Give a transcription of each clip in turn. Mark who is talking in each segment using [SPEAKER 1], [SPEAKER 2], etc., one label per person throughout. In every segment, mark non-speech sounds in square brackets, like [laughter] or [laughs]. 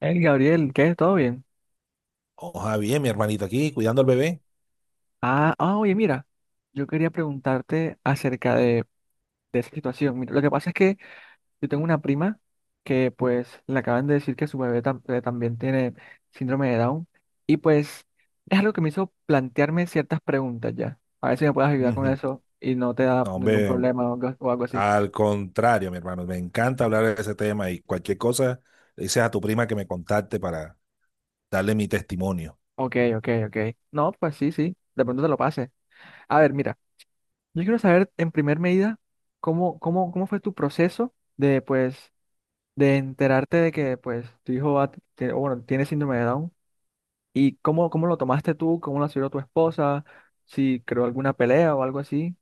[SPEAKER 1] El Gabriel, ¿qué? ¿Todo bien?
[SPEAKER 2] Ojalá bien, mi hermanito aquí, cuidando al bebé.
[SPEAKER 1] Oye, mira, yo quería preguntarte acerca de esa situación. Mira, lo que pasa es que yo tengo una prima que pues le acaban de decir que su bebé también tiene síndrome de Down, y pues es algo que me hizo plantearme ciertas preguntas ya. A ver si me puedes ayudar con
[SPEAKER 2] Ujú.
[SPEAKER 1] eso y no te da
[SPEAKER 2] No,
[SPEAKER 1] ningún
[SPEAKER 2] hombre,
[SPEAKER 1] problema o algo así.
[SPEAKER 2] al contrario, mi hermano, me encanta hablar de ese tema y cualquier cosa, le dices a tu prima que me contacte para darle mi testimonio.
[SPEAKER 1] Ok, ok, ok. No, pues sí, sí, de pronto te lo pase. A ver, mira, yo quiero saber en primer medida cómo fue tu proceso de de enterarte de que tu hijo va, que, o bueno, tiene síndrome de Down, y cómo lo tomaste tú, cómo lo asumió tu esposa, si creó alguna pelea o algo así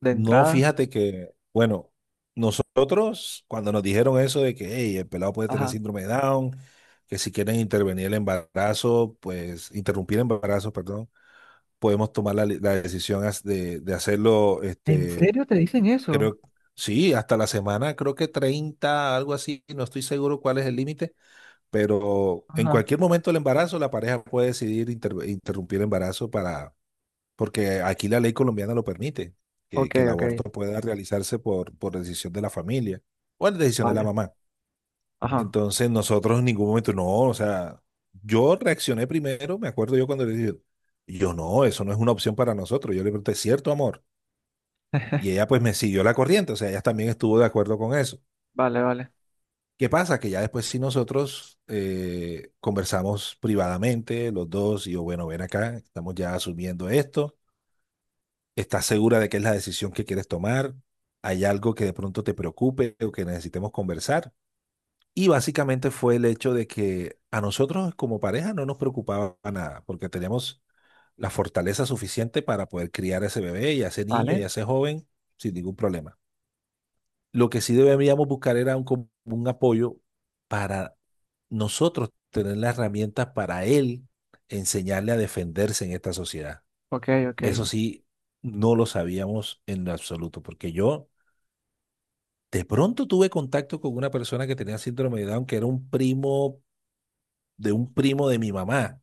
[SPEAKER 1] de
[SPEAKER 2] No,
[SPEAKER 1] entrada.
[SPEAKER 2] fíjate que, bueno, nosotros cuando nos dijeron eso de que "Hey, el pelado puede tener
[SPEAKER 1] Ajá.
[SPEAKER 2] síndrome de Down, que si quieren intervenir el embarazo, pues interrumpir el embarazo, perdón, podemos tomar la decisión de hacerlo,
[SPEAKER 1] ¿En serio te dicen eso?
[SPEAKER 2] creo, sí, hasta la semana, creo que 30 algo así, no estoy seguro cuál es el límite, pero en
[SPEAKER 1] Ajá.
[SPEAKER 2] cualquier momento del embarazo la pareja puede decidir interrumpir el embarazo para porque aquí la ley colombiana lo permite, que,
[SPEAKER 1] Ok,
[SPEAKER 2] que el
[SPEAKER 1] ok.
[SPEAKER 2] aborto pueda realizarse por decisión de la familia o la decisión de la
[SPEAKER 1] Vale.
[SPEAKER 2] mamá.
[SPEAKER 1] Ajá.
[SPEAKER 2] Entonces nosotros en ningún momento, no, o sea, yo reaccioné primero, me acuerdo yo cuando le dije, yo no, eso no es una opción para nosotros, yo le pregunté, ¿cierto amor?
[SPEAKER 1] [laughs]
[SPEAKER 2] Y ella pues me siguió la corriente, o sea, ella también estuvo de acuerdo con eso.
[SPEAKER 1] Vale, vale.
[SPEAKER 2] ¿Qué pasa? Que ya después si nosotros conversamos privadamente los dos y yo, bueno, ven acá, estamos ya asumiendo esto. ¿Estás segura de que es la decisión que quieres tomar? ¿Hay algo que de pronto te preocupe o que necesitemos conversar? Y básicamente fue el hecho de que a nosotros como pareja no nos preocupaba nada, porque teníamos la fortaleza suficiente para poder criar a ese bebé y a ese niño y
[SPEAKER 1] Vale.
[SPEAKER 2] a ese joven sin ningún problema. Lo que sí debíamos buscar era un apoyo para nosotros tener las herramientas para él enseñarle a defenderse en esta sociedad.
[SPEAKER 1] Ok, ok.
[SPEAKER 2] Eso sí, no lo sabíamos en lo absoluto, porque yo de pronto tuve contacto con una persona que tenía síndrome de Down, que era un primo de mi mamá.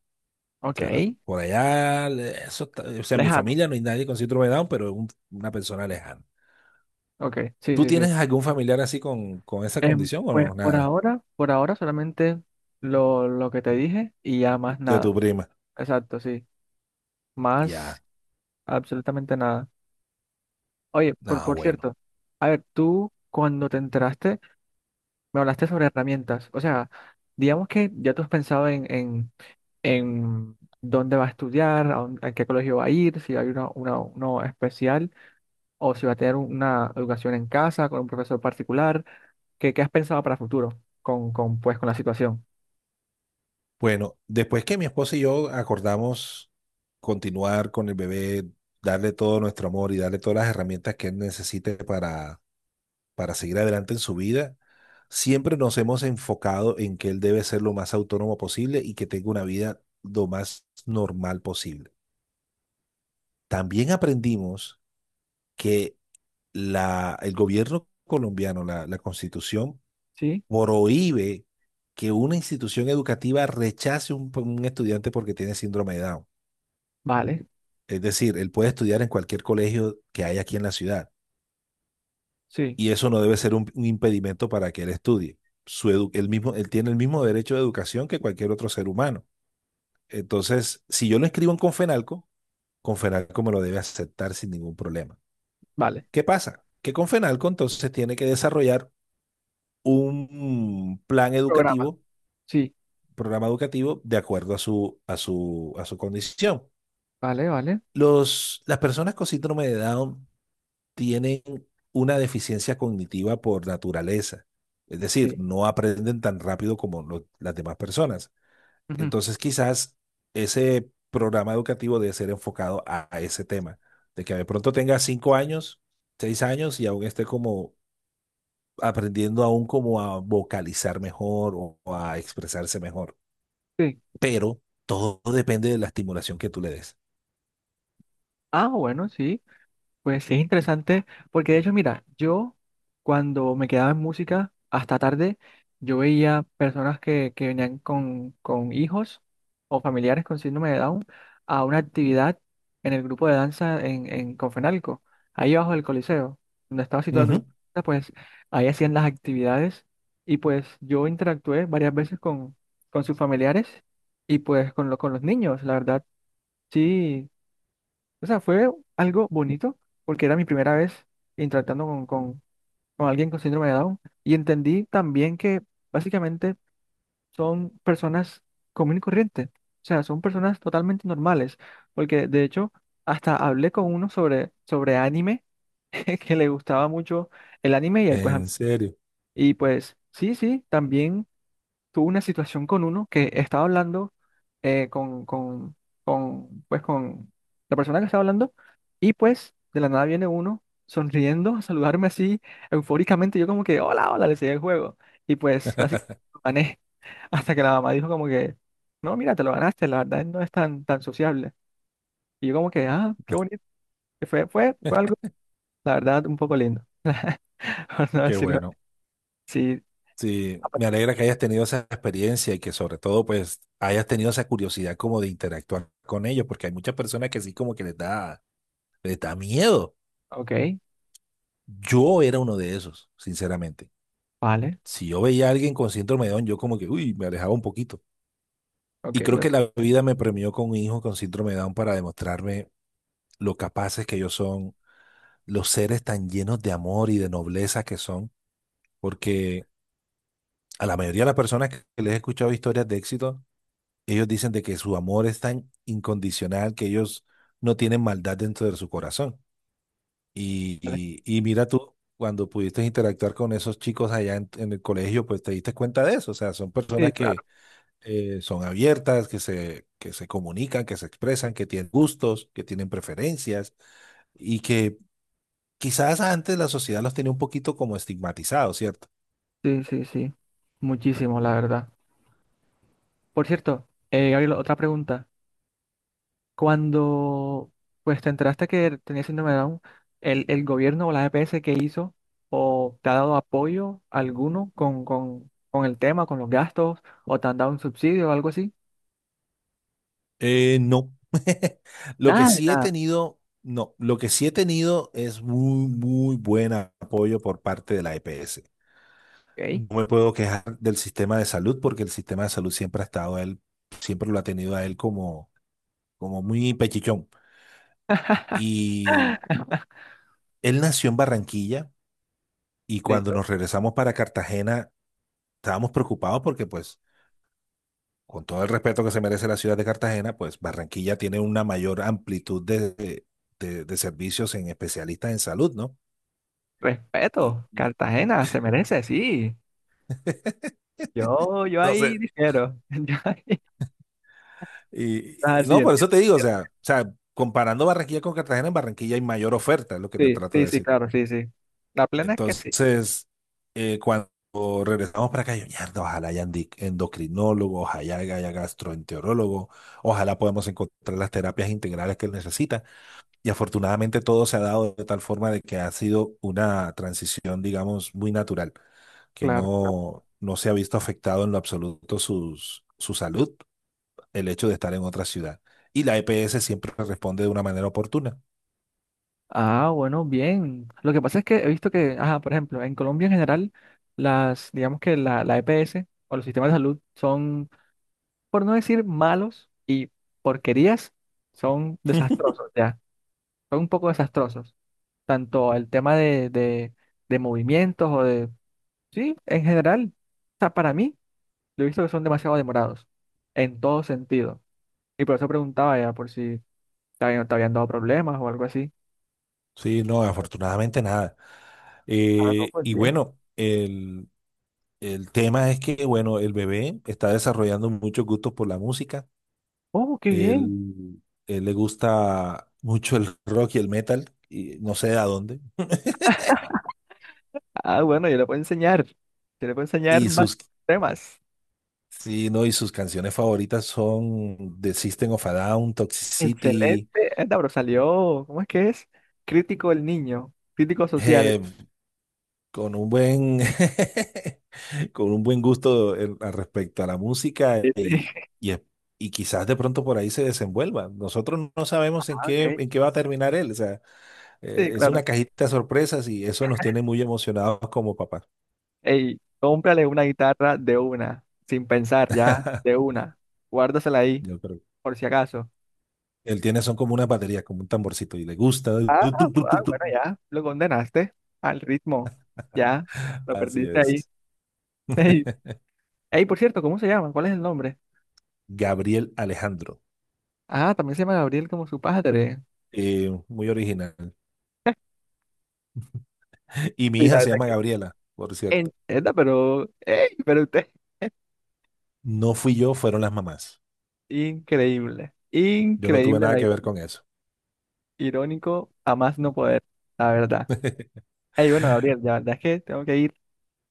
[SPEAKER 2] O sea, era
[SPEAKER 1] Ok.
[SPEAKER 2] por allá, eso o sea, en mi
[SPEAKER 1] Lejano.
[SPEAKER 2] familia no hay nadie con síndrome de Down, pero es una persona lejana.
[SPEAKER 1] Ok. Sí,
[SPEAKER 2] ¿Tú
[SPEAKER 1] sí, sí.
[SPEAKER 2] tienes algún familiar así con esa condición o
[SPEAKER 1] Pues
[SPEAKER 2] no? Nada,
[SPEAKER 1] por ahora solamente lo que te dije y ya más
[SPEAKER 2] de
[SPEAKER 1] nada.
[SPEAKER 2] tu prima.
[SPEAKER 1] Exacto, sí. Más
[SPEAKER 2] Ya,
[SPEAKER 1] absolutamente nada. Oye,
[SPEAKER 2] nada,
[SPEAKER 1] por
[SPEAKER 2] bueno.
[SPEAKER 1] cierto, a ver, tú cuando te enteraste me hablaste sobre herramientas. O sea, digamos que ya tú has pensado en dónde va a estudiar, a qué colegio va a ir, si hay uno especial o si va a tener una educación en casa con un profesor particular. ¿Qué has pensado para futuro pues, con la situación?
[SPEAKER 2] Bueno, después que mi esposa y yo acordamos continuar con el bebé, darle todo nuestro amor y darle todas las herramientas que él necesite para seguir adelante en su vida, siempre nos hemos enfocado en que él debe ser lo más autónomo posible y que tenga una vida lo más normal posible. También aprendimos que el gobierno colombiano, la constitución,
[SPEAKER 1] Sí,
[SPEAKER 2] prohíbe que una institución educativa rechace un estudiante porque tiene síndrome de Down.
[SPEAKER 1] vale,
[SPEAKER 2] Es decir, él puede estudiar en cualquier colegio que hay aquí en la ciudad
[SPEAKER 1] sí,
[SPEAKER 2] y eso no debe ser un impedimento para que él estudie. Él mismo, él tiene el mismo derecho de educación que cualquier otro ser humano. Entonces, si yo lo inscribo en Confenalco, Confenalco me lo debe aceptar sin ningún problema.
[SPEAKER 1] vale.
[SPEAKER 2] ¿Qué pasa? Que Confenalco entonces tiene que desarrollar un plan
[SPEAKER 1] Programa.
[SPEAKER 2] educativo,
[SPEAKER 1] Sí,
[SPEAKER 2] programa educativo, de acuerdo a su condición.
[SPEAKER 1] vale, vale,
[SPEAKER 2] Las personas con síndrome de Down tienen una deficiencia cognitiva por naturaleza. Es decir,
[SPEAKER 1] sí.
[SPEAKER 2] no aprenden tan rápido como las demás personas.
[SPEAKER 1] Ujú.
[SPEAKER 2] Entonces, quizás ese programa educativo debe ser enfocado a ese tema, de que de pronto tenga 5 años, 6 años y aún esté como aprendiendo aún como a vocalizar mejor o a expresarse mejor.
[SPEAKER 1] Sí.
[SPEAKER 2] Pero todo depende de la estimulación que tú le des.
[SPEAKER 1] Ah, bueno, sí. Pues sí, es interesante, porque de hecho, mira, yo cuando me quedaba en música hasta tarde, yo veía personas que venían con hijos o familiares con síndrome de Down a una actividad en el grupo de danza en Confenalco, ahí abajo del Coliseo, donde estaba situado el
[SPEAKER 2] Ujú.
[SPEAKER 1] grupo de danza, pues ahí hacían las actividades, y pues yo interactué varias veces con sus familiares y pues con los niños, la verdad, sí. O sea, fue algo bonito porque era mi primera vez interactuando con alguien con síndrome de Down, y entendí también que básicamente son personas común y corriente. O sea, son personas totalmente normales, porque de hecho hasta hablé con uno sobre, sobre anime, [laughs] que le gustaba mucho el anime, y ahí
[SPEAKER 2] En serio.
[SPEAKER 1] y pues sí, sí, también tuve una situación con uno que estaba hablando eh, con, con, con la persona que estaba hablando, y pues de la nada viene uno sonriendo a saludarme así eufóricamente. Yo como que, hola, hola, le seguí el juego. Y pues básicamente lo gané [laughs] hasta que la mamá dijo como que, no, mira, te lo ganaste, la verdad no es tan sociable. Y yo como que, ah, qué bonito. Y fue algo,
[SPEAKER 2] [laughs]
[SPEAKER 1] la verdad, un poco lindo, [laughs] por no
[SPEAKER 2] Qué
[SPEAKER 1] decirlo.
[SPEAKER 2] bueno.
[SPEAKER 1] Sí,
[SPEAKER 2] Sí, me alegra que hayas tenido esa experiencia y que sobre todo pues hayas tenido esa curiosidad como de interactuar con ellos, porque hay muchas personas que sí como que les da miedo.
[SPEAKER 1] ok,
[SPEAKER 2] Yo era uno de esos, sinceramente.
[SPEAKER 1] vale,
[SPEAKER 2] Si yo veía a alguien con síndrome de Down, yo como que, uy, me alejaba un poquito.
[SPEAKER 1] ok,
[SPEAKER 2] Y creo que
[SPEAKER 1] ok.
[SPEAKER 2] la vida me premió con un hijo con síndrome de Down para demostrarme lo capaces que ellos son, los seres tan llenos de amor y de nobleza que son, porque a la mayoría de las personas que les he escuchado historias de éxito, ellos dicen de que su amor es tan incondicional que ellos no tienen maldad dentro de su corazón. Y,
[SPEAKER 1] Vale.
[SPEAKER 2] y mira tú, cuando pudiste interactuar con esos chicos allá en el colegio, pues te diste cuenta de eso. O sea, son
[SPEAKER 1] Sí,
[SPEAKER 2] personas
[SPEAKER 1] claro.
[SPEAKER 2] que son abiertas, que se comunican, que se expresan, que tienen gustos, que tienen preferencias y que quizás antes la sociedad los tenía un poquito como estigmatizados, ¿cierto?
[SPEAKER 1] Sí, sí, sí. Muchísimo, la verdad. Por cierto, Gabriel, otra pregunta. Cuando pues te enteraste que tenías síndrome de Down, ¿ el gobierno o la EPS, que hizo o te ha dado apoyo alguno con el tema, con los gastos, o te han dado un subsidio o algo así?
[SPEAKER 2] No. [laughs] Lo que
[SPEAKER 1] Nada de
[SPEAKER 2] sí he
[SPEAKER 1] nada.
[SPEAKER 2] tenido, no, Lo que sí he tenido es muy, muy buen apoyo por parte de la EPS.
[SPEAKER 1] Ok.
[SPEAKER 2] No me puedo quejar del sistema de salud porque el sistema de salud siempre ha estado a él, siempre lo ha tenido a él como, como muy pechichón. Y
[SPEAKER 1] [laughs]
[SPEAKER 2] él nació en Barranquilla y cuando
[SPEAKER 1] Listo.
[SPEAKER 2] nos regresamos para Cartagena estábamos preocupados porque pues con todo el respeto que se merece la ciudad de Cartagena, pues Barranquilla tiene una mayor amplitud de servicios en especialistas en salud, ¿no? Y
[SPEAKER 1] Respeto. Cartagena se merece, sí.
[SPEAKER 2] [laughs]
[SPEAKER 1] Yo
[SPEAKER 2] No sé.
[SPEAKER 1] ahí difiero. [laughs] Yo ahí- Ah,
[SPEAKER 2] Y
[SPEAKER 1] sí,
[SPEAKER 2] no, por eso
[SPEAKER 1] entiendo,
[SPEAKER 2] te digo,
[SPEAKER 1] entiendo.
[SPEAKER 2] comparando Barranquilla con Cartagena, en Barranquilla hay mayor oferta, es lo que te
[SPEAKER 1] Sí,
[SPEAKER 2] trato de
[SPEAKER 1] sí, sí,
[SPEAKER 2] decir.
[SPEAKER 1] claro, sí, sí. La plena es que sí.
[SPEAKER 2] Entonces, cuando regresamos para acá, yo, mierda, ojalá haya endocrinólogos, ojalá haya gastroenterólogo, ojalá podamos encontrar las terapias integrales que él necesita. Y afortunadamente todo se ha dado de tal forma de que ha sido una transición, digamos, muy natural, que
[SPEAKER 1] Claro, claro.
[SPEAKER 2] no se ha visto afectado en lo absoluto sus, su salud el hecho de estar en otra ciudad. Y la EPS siempre responde de una manera oportuna.
[SPEAKER 1] Ah, bueno, bien. Lo que pasa es que he visto que, ajá, por ejemplo, en Colombia en general, las, digamos la EPS o los sistemas de salud son, por no decir malos y porquerías, son desastrosos, ya. Son un poco desastrosos. Tanto el tema de movimientos sí, en general, o sea, para mí, lo he visto que son demasiado demorados, en todo sentido. Y por eso preguntaba ya por si te habían dado problemas o algo así.
[SPEAKER 2] Sí, no, afortunadamente nada.
[SPEAKER 1] Ah, no,
[SPEAKER 2] Eh,
[SPEAKER 1] pues
[SPEAKER 2] y
[SPEAKER 1] bien.
[SPEAKER 2] bueno, el, el tema es que, bueno, el bebé está desarrollando muchos gustos por la música.
[SPEAKER 1] Oh, qué bien.
[SPEAKER 2] Él le gusta mucho el [laughs] rock y el metal, y no sé de a dónde.
[SPEAKER 1] Ah, bueno, yo le puedo enseñar. Yo le puedo enseñar
[SPEAKER 2] Y
[SPEAKER 1] más
[SPEAKER 2] sus,
[SPEAKER 1] temas.
[SPEAKER 2] sí, no, Y sus canciones favoritas son The System of a Down,
[SPEAKER 1] Excelente.
[SPEAKER 2] Toxicity,
[SPEAKER 1] Anda, pero salió, ¿cómo es que es? Crítico el niño, crítico social.
[SPEAKER 2] eh, con un buen [laughs] con un buen gusto al respecto a la música
[SPEAKER 1] Sí, sí. [laughs]
[SPEAKER 2] y, es- y quizás de pronto por ahí se desenvuelva. Nosotros no sabemos
[SPEAKER 1] Ah, ok.
[SPEAKER 2] en qué va a terminar él. O sea,
[SPEAKER 1] Sí,
[SPEAKER 2] es una
[SPEAKER 1] claro.
[SPEAKER 2] cajita de sorpresas y eso nos tiene muy emocionados como papás.
[SPEAKER 1] Ey, cómprale una guitarra de una, sin pensar, ya, de
[SPEAKER 2] [laughs]
[SPEAKER 1] una. Guárdasela ahí,
[SPEAKER 2] Yo creo.
[SPEAKER 1] por si acaso.
[SPEAKER 2] Él tiene son como una batería, como un tamborcito y le gusta.
[SPEAKER 1] Ah,
[SPEAKER 2] Tu,
[SPEAKER 1] ah,
[SPEAKER 2] tu, tu, tu, tu.
[SPEAKER 1] bueno, ya, lo condenaste al ritmo. Ya, lo
[SPEAKER 2] Así
[SPEAKER 1] perdiste ahí.
[SPEAKER 2] es.
[SPEAKER 1] [laughs]
[SPEAKER 2] [laughs]
[SPEAKER 1] Ey, ey, por cierto, ¿cómo se llama? ¿Cuál es el nombre?
[SPEAKER 2] Gabriel Alejandro.
[SPEAKER 1] Ah, también se llama Gabriel como su padre.
[SPEAKER 2] Muy original. Y mi
[SPEAKER 1] Sí, la
[SPEAKER 2] hija se
[SPEAKER 1] verdad
[SPEAKER 2] llama
[SPEAKER 1] que sí.
[SPEAKER 2] Gabriela, por cierto.
[SPEAKER 1] En Esta, pero, ey, pero usted,
[SPEAKER 2] No fui yo, fueron las mamás.
[SPEAKER 1] increíble,
[SPEAKER 2] Yo no tuve
[SPEAKER 1] increíble,
[SPEAKER 2] nada
[SPEAKER 1] la
[SPEAKER 2] que
[SPEAKER 1] iro-
[SPEAKER 2] ver con eso.
[SPEAKER 1] irónico, a más no poder, la verdad. Ey, bueno, Gabriel, la verdad es que tengo que ir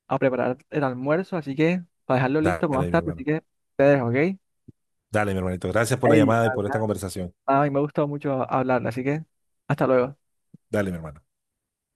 [SPEAKER 1] a preparar el almuerzo, así que para dejarlo listo para más
[SPEAKER 2] Dale, mi
[SPEAKER 1] tarde, así
[SPEAKER 2] hermano.
[SPEAKER 1] que te dejo, ¿ok?
[SPEAKER 2] Dale, mi hermanito. Gracias por la
[SPEAKER 1] Ey,
[SPEAKER 2] llamada y
[SPEAKER 1] la
[SPEAKER 2] por esta
[SPEAKER 1] verdad,
[SPEAKER 2] conversación.
[SPEAKER 1] a mí me ha gustado mucho hablar, así que hasta luego.
[SPEAKER 2] Dale, mi hermano.